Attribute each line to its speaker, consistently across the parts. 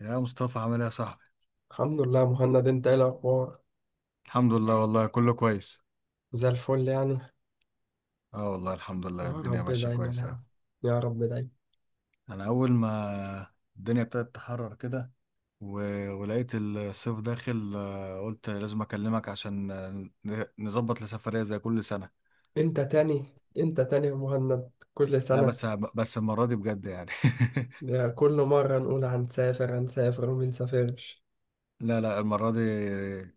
Speaker 1: يا مصطفى، عامل ايه يا صاحبي؟
Speaker 2: الحمد لله يا مهند، انت ايه الاخبار؟
Speaker 1: الحمد لله، والله كله كويس.
Speaker 2: زي الفل يعني.
Speaker 1: اه والله الحمد
Speaker 2: يا
Speaker 1: لله، الدنيا
Speaker 2: رب
Speaker 1: ماشيه
Speaker 2: دايما
Speaker 1: كويس
Speaker 2: يا
Speaker 1: يعني.
Speaker 2: عم، يا رب دايما.
Speaker 1: انا اول ما الدنيا ابتدت تحرر كده و... ولقيت الصيف داخل، قلت لازم اكلمك عشان نظبط لسفريه زي كل سنه.
Speaker 2: انت تاني؟ انت تاني يا مهند كل
Speaker 1: لا
Speaker 2: سنة؟
Speaker 1: بس، المره دي بجد يعني.
Speaker 2: يا، كل مرة نقول هنسافر هنسافر وما نسافرش.
Speaker 1: لا لا، المره دي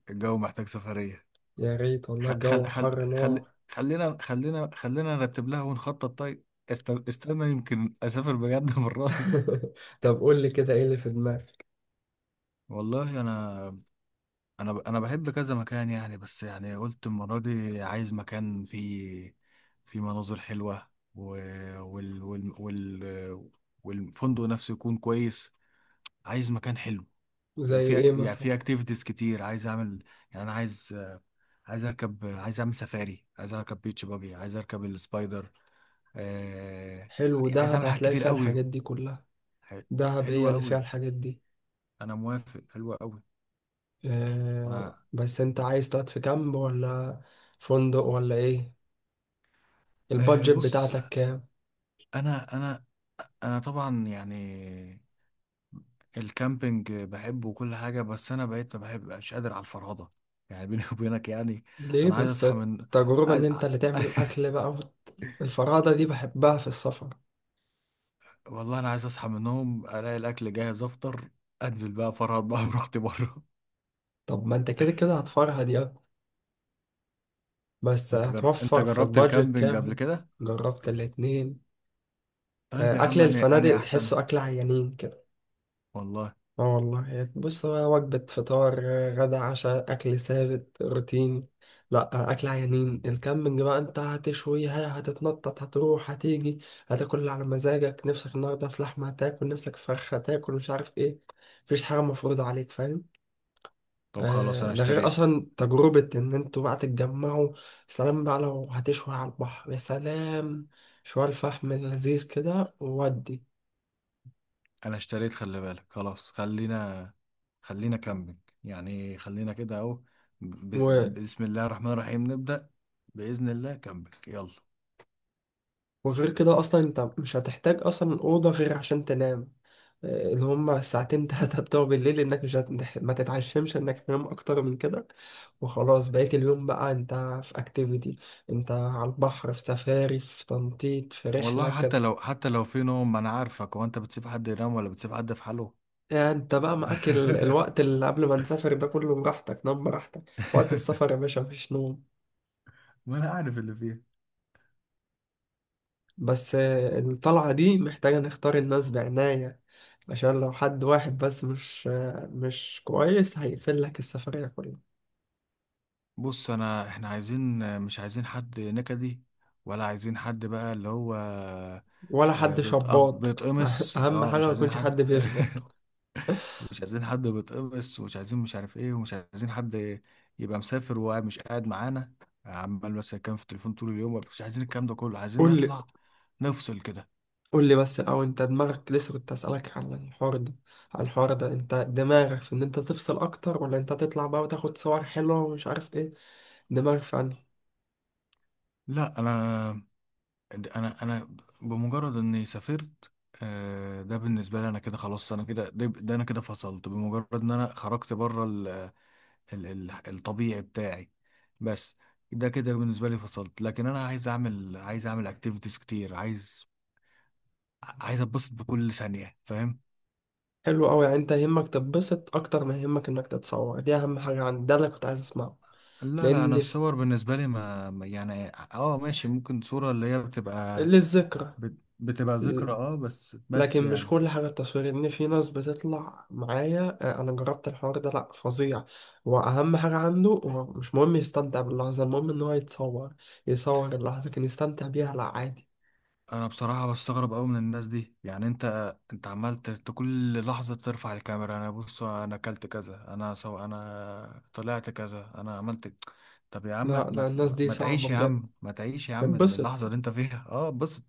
Speaker 1: الجو محتاج سفريه.
Speaker 2: يا ريت والله، الجو حر نار.
Speaker 1: خلينا خلينا خلينا نرتب لها ونخطط طيب. استنى يمكن اسافر بجد المره دي.
Speaker 2: طب قول لي كده، ايه اللي في دماغك؟
Speaker 1: والله انا انا بحب كذا مكان يعني، بس يعني قلت المره دي عايز مكان فيه، فيه مناظر حلوه و... وال... وال... وال... والفندق نفسه يكون كويس. عايز مكان حلو.
Speaker 2: زي ايه
Speaker 1: يعني في
Speaker 2: مثلا؟
Speaker 1: اكتيفيتيز كتير عايز اعمل. يعني انا عايز اركب، عايز اعمل سفاري، عايز اركب بيتش باجي، عايز اركب السبايدر. آه...
Speaker 2: حلو،
Speaker 1: عايز
Speaker 2: دهب
Speaker 1: اعمل حاجات
Speaker 2: هتلاقي
Speaker 1: كتير
Speaker 2: فيها
Speaker 1: قوي.
Speaker 2: الحاجات دي كلها.
Speaker 1: ح-
Speaker 2: دهب هي
Speaker 1: حلوه
Speaker 2: اللي فيها
Speaker 1: قوي،
Speaker 2: الحاجات دي.
Speaker 1: انا موافق، حلوه قوي. انا
Speaker 2: اه، بس انت عايز تقعد في كامب ولا فندق ولا ايه؟ البادجت
Speaker 1: بص،
Speaker 2: بتاعتك كام؟
Speaker 1: انا انا طبعا يعني الكامبينج بحبه وكل حاجه، بس انا بقيت ما بحبش قادر على الفرهده يعني، بيني وبينك يعني.
Speaker 2: ليه؟
Speaker 1: انا عايز
Speaker 2: بس
Speaker 1: اصحى من،
Speaker 2: التجربة إن
Speaker 1: عايز...
Speaker 2: أنت اللي تعمل أكل بقى وت- الفرادة دي بحبها في السفر.
Speaker 1: والله انا عايز اصحى من النوم الاقي الاكل جاهز افطر، انزل بقى فرهد بقى براحتي بره.
Speaker 2: طب ما أنت كده كده هتفرها دي أكتر. بس
Speaker 1: انت
Speaker 2: هتوفر في
Speaker 1: جربت
Speaker 2: البادجت
Speaker 1: الكامبينج قبل
Speaker 2: كامل.
Speaker 1: كده؟
Speaker 2: جربت الاتنين.
Speaker 1: طيب يا
Speaker 2: آه، أكل
Speaker 1: عم، انا
Speaker 2: الفنادق
Speaker 1: احسن
Speaker 2: تحسه أكل عيانين كده.
Speaker 1: والله.
Speaker 2: اه والله، يعني بص، هو وجبة فطار غدا عشاء أكل ثابت روتيني. لأ، أكل عيانين. الكامبينج بقى أنت هتشويها، هتتنطط، هتروح، هتيجي، هتاكل اللي على مزاجك، نفسك النهاردة في لحمة هتاكل، نفسك في فراخ هتاكل، مش عارف إيه. مفيش حاجة مفروضة عليك، فاهم؟
Speaker 1: طب خلاص
Speaker 2: آه،
Speaker 1: انا
Speaker 2: ده غير
Speaker 1: اشتريت.
Speaker 2: أصلا تجربة إن أنتوا بقى تتجمعوا. سلام بقى لو هتشوي على البحر، يا سلام، شوية الفحم اللذيذ كده، وودي.
Speaker 1: انا اشتريت، خلي بالك، خلاص، خلينا كامبينج، يعني خلينا كده اهو. بسم الله الرحمن الرحيم نبدأ، بإذن الله كامبينج يلا.
Speaker 2: وغير كده اصلا، انت مش هتحتاج اصلا اوضه غير عشان تنام. آه، اللي هما الساعتين تلاتة بتوع بالليل، انك مش هت... ما تتعشمش انك تنام اكتر من كده. وخلاص، بقيت اليوم بقى انت في اكتيفيتي، انت على البحر، في سفاري، في تنطيط، في رحلة
Speaker 1: والله
Speaker 2: كده.
Speaker 1: حتى لو في نوم، ما انا عارفك، هو انت بتسيب حد ينام ولا بتسيب حد في حاله؟
Speaker 2: يعني انت بقى معاك الوقت اللي قبل ما نسافر ده كله، براحتك نام براحتك. وقت السفر يا باشا، مفيش نوم.
Speaker 1: ما انا عارف اللي فيها.
Speaker 2: بس الطلعة دي محتاجة نختار الناس بعناية، عشان لو حد واحد بس مش كويس هيقفل لك السفرية كلها.
Speaker 1: بص انا، احنا عايزين، مش عايزين حد نكدي، ولا عايزين حد بقى اللي هو
Speaker 2: ولا حد شباط.
Speaker 1: بيتقمص.
Speaker 2: أهم
Speaker 1: اه،
Speaker 2: حاجة
Speaker 1: مش
Speaker 2: ما
Speaker 1: عايزين
Speaker 2: يكونش
Speaker 1: حد
Speaker 2: حد بيشبط.
Speaker 1: مش عايزين حد بيتقمص، ومش عايزين مش عارف ايه، ومش عايزين حد يبقى مسافر وقاعد مش قاعد معانا، عمال بس كان في التليفون طول اليوم. مش عايزين الكلام ده كله، عايزين
Speaker 2: قول لي
Speaker 1: نطلع نفصل كده.
Speaker 2: قول لي بس الأول، أنت دماغك لسه، كنت أسألك عن الحوار ده. على الحوار ده، أنت دماغك في إن أنت تفصل أكتر، ولا أنت تطلع بقى وتاخد صور حلوة ومش عارف إيه؟ دماغك في أنهي؟
Speaker 1: لا، انا انا بمجرد اني سافرت، ده بالنسبه لي انا كده خلاص، انا كده، ده انا كده فصلت بمجرد ان انا خرجت بره ال ال ال الطبيعي بتاعي، بس. ده كده بالنسبه لي فصلت، لكن انا عايز اعمل اكتيفيتيز كتير، عايز اتبسط بكل ثانيه، فاهم؟
Speaker 2: حلو أوي، يعني أنت يهمك تتبسط أكتر ما يهمك إنك تتصور، دي أهم حاجة عندي، ده اللي كنت عايز أسمعه.
Speaker 1: لا لا، انا
Speaker 2: لان في
Speaker 1: الصور بالنسبه لي يعني، اه ماشي، ممكن صوره اللي هي بتبقى،
Speaker 2: للذكرى.
Speaker 1: بتبقى
Speaker 2: ل-
Speaker 1: ذكرى، اه بس،
Speaker 2: لكن مش
Speaker 1: يعني
Speaker 2: كل حاجة تصوير، إن في ناس بتطلع معايا، أنا جربت الحوار ده لأ فظيع. وأهم حاجة عنده هو مش مهم يستمتع باللحظة، المهم إن هو يتصور، يصور اللحظة كان يستمتع بيها، لأ عادي.
Speaker 1: انا بصراحه بستغرب قوي من الناس دي يعني. انت انت عمال كل لحظه ترفع الكاميرا، انا بص انا اكلت كذا، انا سو انا طلعت كذا، انا عملت طب يا عم،
Speaker 2: لا لا، الناس دي
Speaker 1: ما
Speaker 2: صعبة
Speaker 1: تعيش يا
Speaker 2: بجد.
Speaker 1: عم، ما تعيش يا عم
Speaker 2: اتبسط.
Speaker 1: اللحظه اللي انت فيها. اه بص،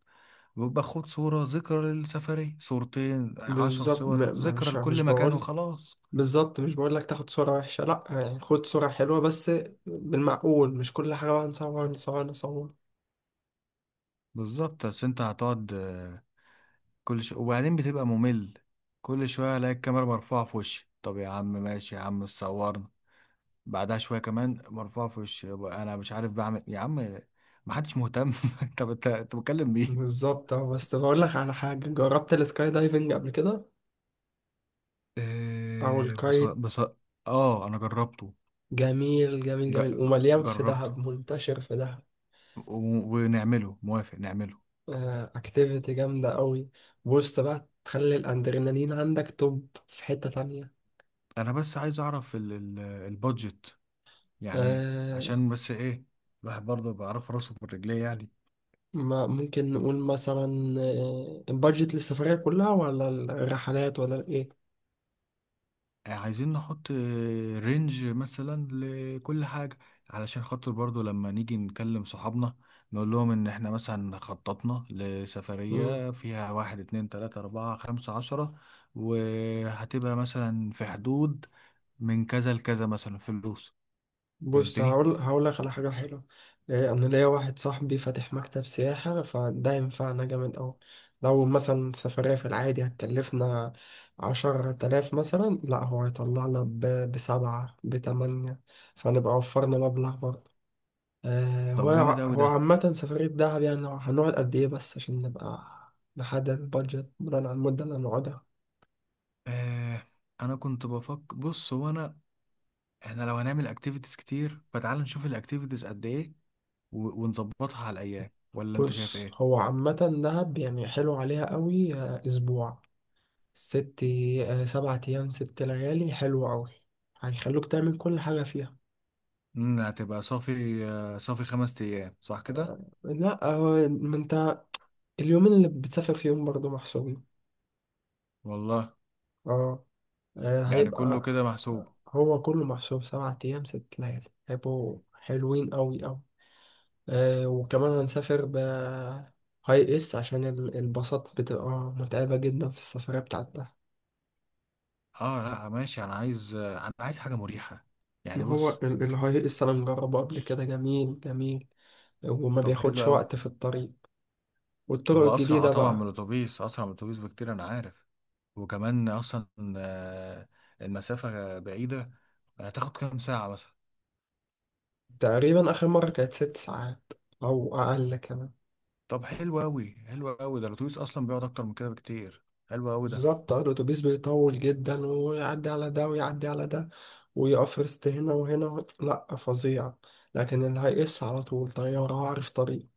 Speaker 1: باخد صوره ذكرى للسفريه، صورتين عشر
Speaker 2: بالظبط، م-
Speaker 1: صور
Speaker 2: م-
Speaker 1: ذكرى
Speaker 2: مش
Speaker 1: لكل
Speaker 2: مش
Speaker 1: مكان
Speaker 2: بقول،
Speaker 1: وخلاص.
Speaker 2: بالظبط مش بقول لك تاخد صورة وحشة، لأ، يعني خد صورة حلوة بس، بالمعقول، مش كل حاجة بقى نصور نصور نصور.
Speaker 1: بالظبط، بس انت هتقعد كل شوية وبعدين بتبقى ممل، كل شوية الاقي الكاميرا مرفوعة في وشي. طب يا عم ماشي يا عم صورنا، بعدها شوية كمان مرفوعة في وشي، يبقى انا مش عارف بعمل يا عم. محدش مهتم انت بتكلم مين؟
Speaker 2: بالظبط. اه، بس بقول لك على حاجة، جربت السكاي دايفنج قبل كده؟ او
Speaker 1: بص
Speaker 2: الكايت؟
Speaker 1: بص. اه انا جربته.
Speaker 2: جميل جميل
Speaker 1: ج...
Speaker 2: جميل، ومليان في
Speaker 1: جربته
Speaker 2: دهب، منتشر في دهب.
Speaker 1: و... ونعمله، موافق نعمله.
Speaker 2: اكتيفيتي جامدة قوي. بص بقى، تخلي الادرينالين عندك توب في حتة تانية.
Speaker 1: انا بس عايز اعرف البادجت يعني،
Speaker 2: آه.
Speaker 1: عشان بس ايه، الواحد برضه بيعرف راسه بالرجليه يعني.
Speaker 2: ما ممكن نقول مثلا البادجت للسفرية كلها، ولا الرحلات ولا
Speaker 1: عايزين نحط رينج مثلا لكل حاجة، علشان خاطر برضو لما نيجي نكلم صحابنا نقول لهم ان احنا مثلا خططنا
Speaker 2: ايه؟
Speaker 1: لسفرية فيها واحد اتنين تلاتة اربعة خمسة 10، وهتبقى مثلا في حدود من كذا لكذا مثلا فلوس.
Speaker 2: بص،
Speaker 1: فهمتني؟
Speaker 2: هقول لك على حاجة حلوة. إيه، أنا ليا واحد صاحبي فاتح مكتب سياحة، فده ينفعنا جامد أوي. لو مثلا سفرية في العادي هتكلفنا 10,000 مثلا، لا هو هيطلعنا بسبعة بتمانية، فنبقى وفرنا مبلغ برضه. آه،
Speaker 1: طب
Speaker 2: هو
Speaker 1: جامد
Speaker 2: ع-
Speaker 1: اوي
Speaker 2: هو
Speaker 1: ده.
Speaker 2: عامة سفرية دهب، يعني هنقعد قد إيه بس عشان نبقى نحدد البادجت بناء على المدة اللي هنقعدها.
Speaker 1: آه انا كنت بفكر، بص هو انا، احنا لو هنعمل اكتيفيتيز كتير فتعال نشوف الاكتيفيتيز قد ايه، ونظبطها على الايام، ولا انت شايف
Speaker 2: بص
Speaker 1: ايه؟
Speaker 2: هو عامة، دهب يعني حلو عليها قوي. آه، أسبوع ست آه، 7 أيام 6 ليالي، حلو أوي، هيخلوك تعمل كل حاجة فيها.
Speaker 1: هتبقى صافي، صافي 5 ايام صح كده؟
Speaker 2: لا هو ما انت، اليومين اللي بتسافر فيهم برضه محسوبين.
Speaker 1: والله
Speaker 2: اه.
Speaker 1: يعني كله
Speaker 2: هيبقى
Speaker 1: كده محسوب.
Speaker 2: هو كله محسوب، 7 أيام 6 ليالي هيبقوا حلوين أوي أوي. آه، وكمان هنسافر ب هاي اس عشان الباصات بتبقى متعبة جدا في السفرية بتاعتها.
Speaker 1: اه لا ماشي، انا عايز، انا عايز حاجه مريحه يعني،
Speaker 2: ما هو
Speaker 1: بص.
Speaker 2: الهاي اس أنا مجربه قبل كده، جميل جميل، وما
Speaker 1: طب حلو
Speaker 2: بياخدش
Speaker 1: قوي.
Speaker 2: وقت في الطريق، والطرق
Speaker 1: هو اسرع،
Speaker 2: الجديدة
Speaker 1: طبعا من
Speaker 2: بقى.
Speaker 1: الاتوبيس، اسرع من الاتوبيس بكتير انا عارف. وكمان اصلا آه، المسافه بعيده، هتاخد كام ساعه مثلا؟
Speaker 2: تقريبا آخر مرة كانت 6 ساعات، أو أقل كمان.
Speaker 1: طب حلو قوي، حلو قوي ده، الاتوبيس اصلا بيقعد اكتر من كده بكتير. حلو قوي ده.
Speaker 2: بالظبط، آه، الأتوبيس بيطول جدا، ويعدي على ده ويعدي على ده، ويقف رست هنا وهنا لأ فظيع. لكن اللي هيقص على طول طيارة وعارف طريق.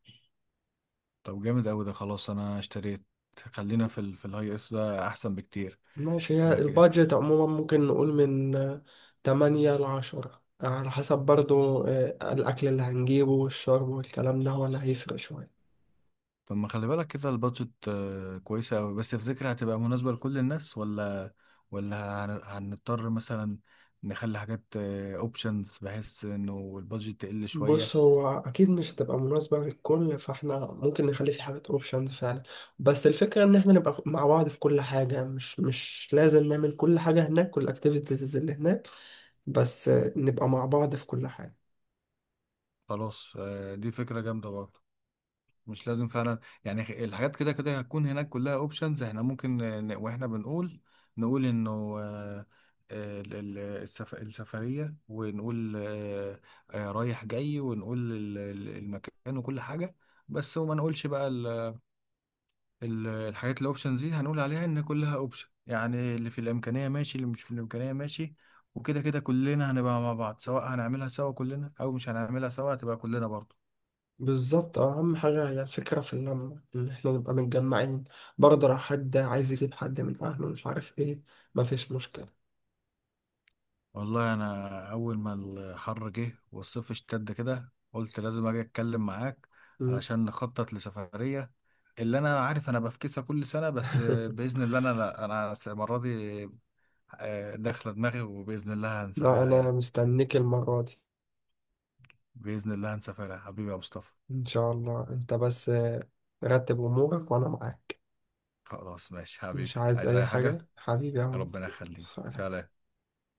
Speaker 1: طب جامد قوي ده، خلاص انا اشتريت. خلينا في في الهاي اس، ده احسن بكتير
Speaker 2: ماشي، هي
Speaker 1: بقى.
Speaker 2: البادجت عموما ممكن نقول من تمانية لعشرة، على حسب برضو الأكل اللي هنجيبه والشرب والكلام ده، ولا هيفرق شوية.
Speaker 1: طب ما خلي بالك كده، البادجت كويسة أوي، بس تفتكر هتبقى مناسبة لكل الناس ولا، ولا هنضطر مثلا نخلي حاجات اوبشنز بحيث انه البادجت تقل
Speaker 2: بص
Speaker 1: شوية؟
Speaker 2: هو اكيد مش هتبقى مناسبه للكل، فاحنا ممكن نخلي في حاجات اوبشنز فعلا، بس الفكره ان احنا نبقى مع بعض في كل حاجه، مش لازم نعمل كل حاجه هناك، كل الاكتيفيتيز اللي هناك، بس نبقى مع بعض في كل حاجه.
Speaker 1: خلاص، دي فكرة جامدة برضه. مش لازم فعلا يعني، الحاجات كده كده هتكون هناك كلها اوبشنز، احنا ممكن واحنا بنقول نقول انه، آه، آه، ال- ال- السفرية، ونقول رايح جاي، ونقول المكان وكل حاجة بس، وما نقولش بقى الحاجات الاوبشنز دي، هنقول عليها ان كلها اوبشن يعني، اللي في الامكانيه ماشي، اللي مش في الامكانيه ماشي. وكده كده كلنا هنبقى مع بعض، سواء هنعملها سوا كلنا او مش هنعملها سوا هتبقى كلنا برضه.
Speaker 2: بالظبط، آه، اهم حاجه هي الفكره في اللمه، ان احنا نبقى متجمعين. برضه لو حد عايز يجيب حد من اهله مش عارف ايه، مفيش مشكله.
Speaker 1: والله انا اول ما الحر جه والصيف اشتد كده، قلت لازم اجي اتكلم معاك
Speaker 2: مم.
Speaker 1: علشان نخطط لسفريه، اللي انا عارف انا بفكسها كل سنه بس. باذن الله انا، لا انا المره دي داخله دماغي وباذن الله
Speaker 2: لا،
Speaker 1: هنسافرها
Speaker 2: انا
Speaker 1: يعني.
Speaker 2: مستنيك المره دي.
Speaker 1: باذن الله هنسافرها حبيبي يا مصطفى.
Speaker 2: ان شاء الله. انت بس رتب امورك وانا معاك.
Speaker 1: خلاص ماشي
Speaker 2: مش
Speaker 1: حبيبي،
Speaker 2: عايز
Speaker 1: عايز
Speaker 2: أي
Speaker 1: اي حاجة؟
Speaker 2: حاجة حبيبي يا عم.
Speaker 1: ربنا يخليك،
Speaker 2: سلام.
Speaker 1: سلام.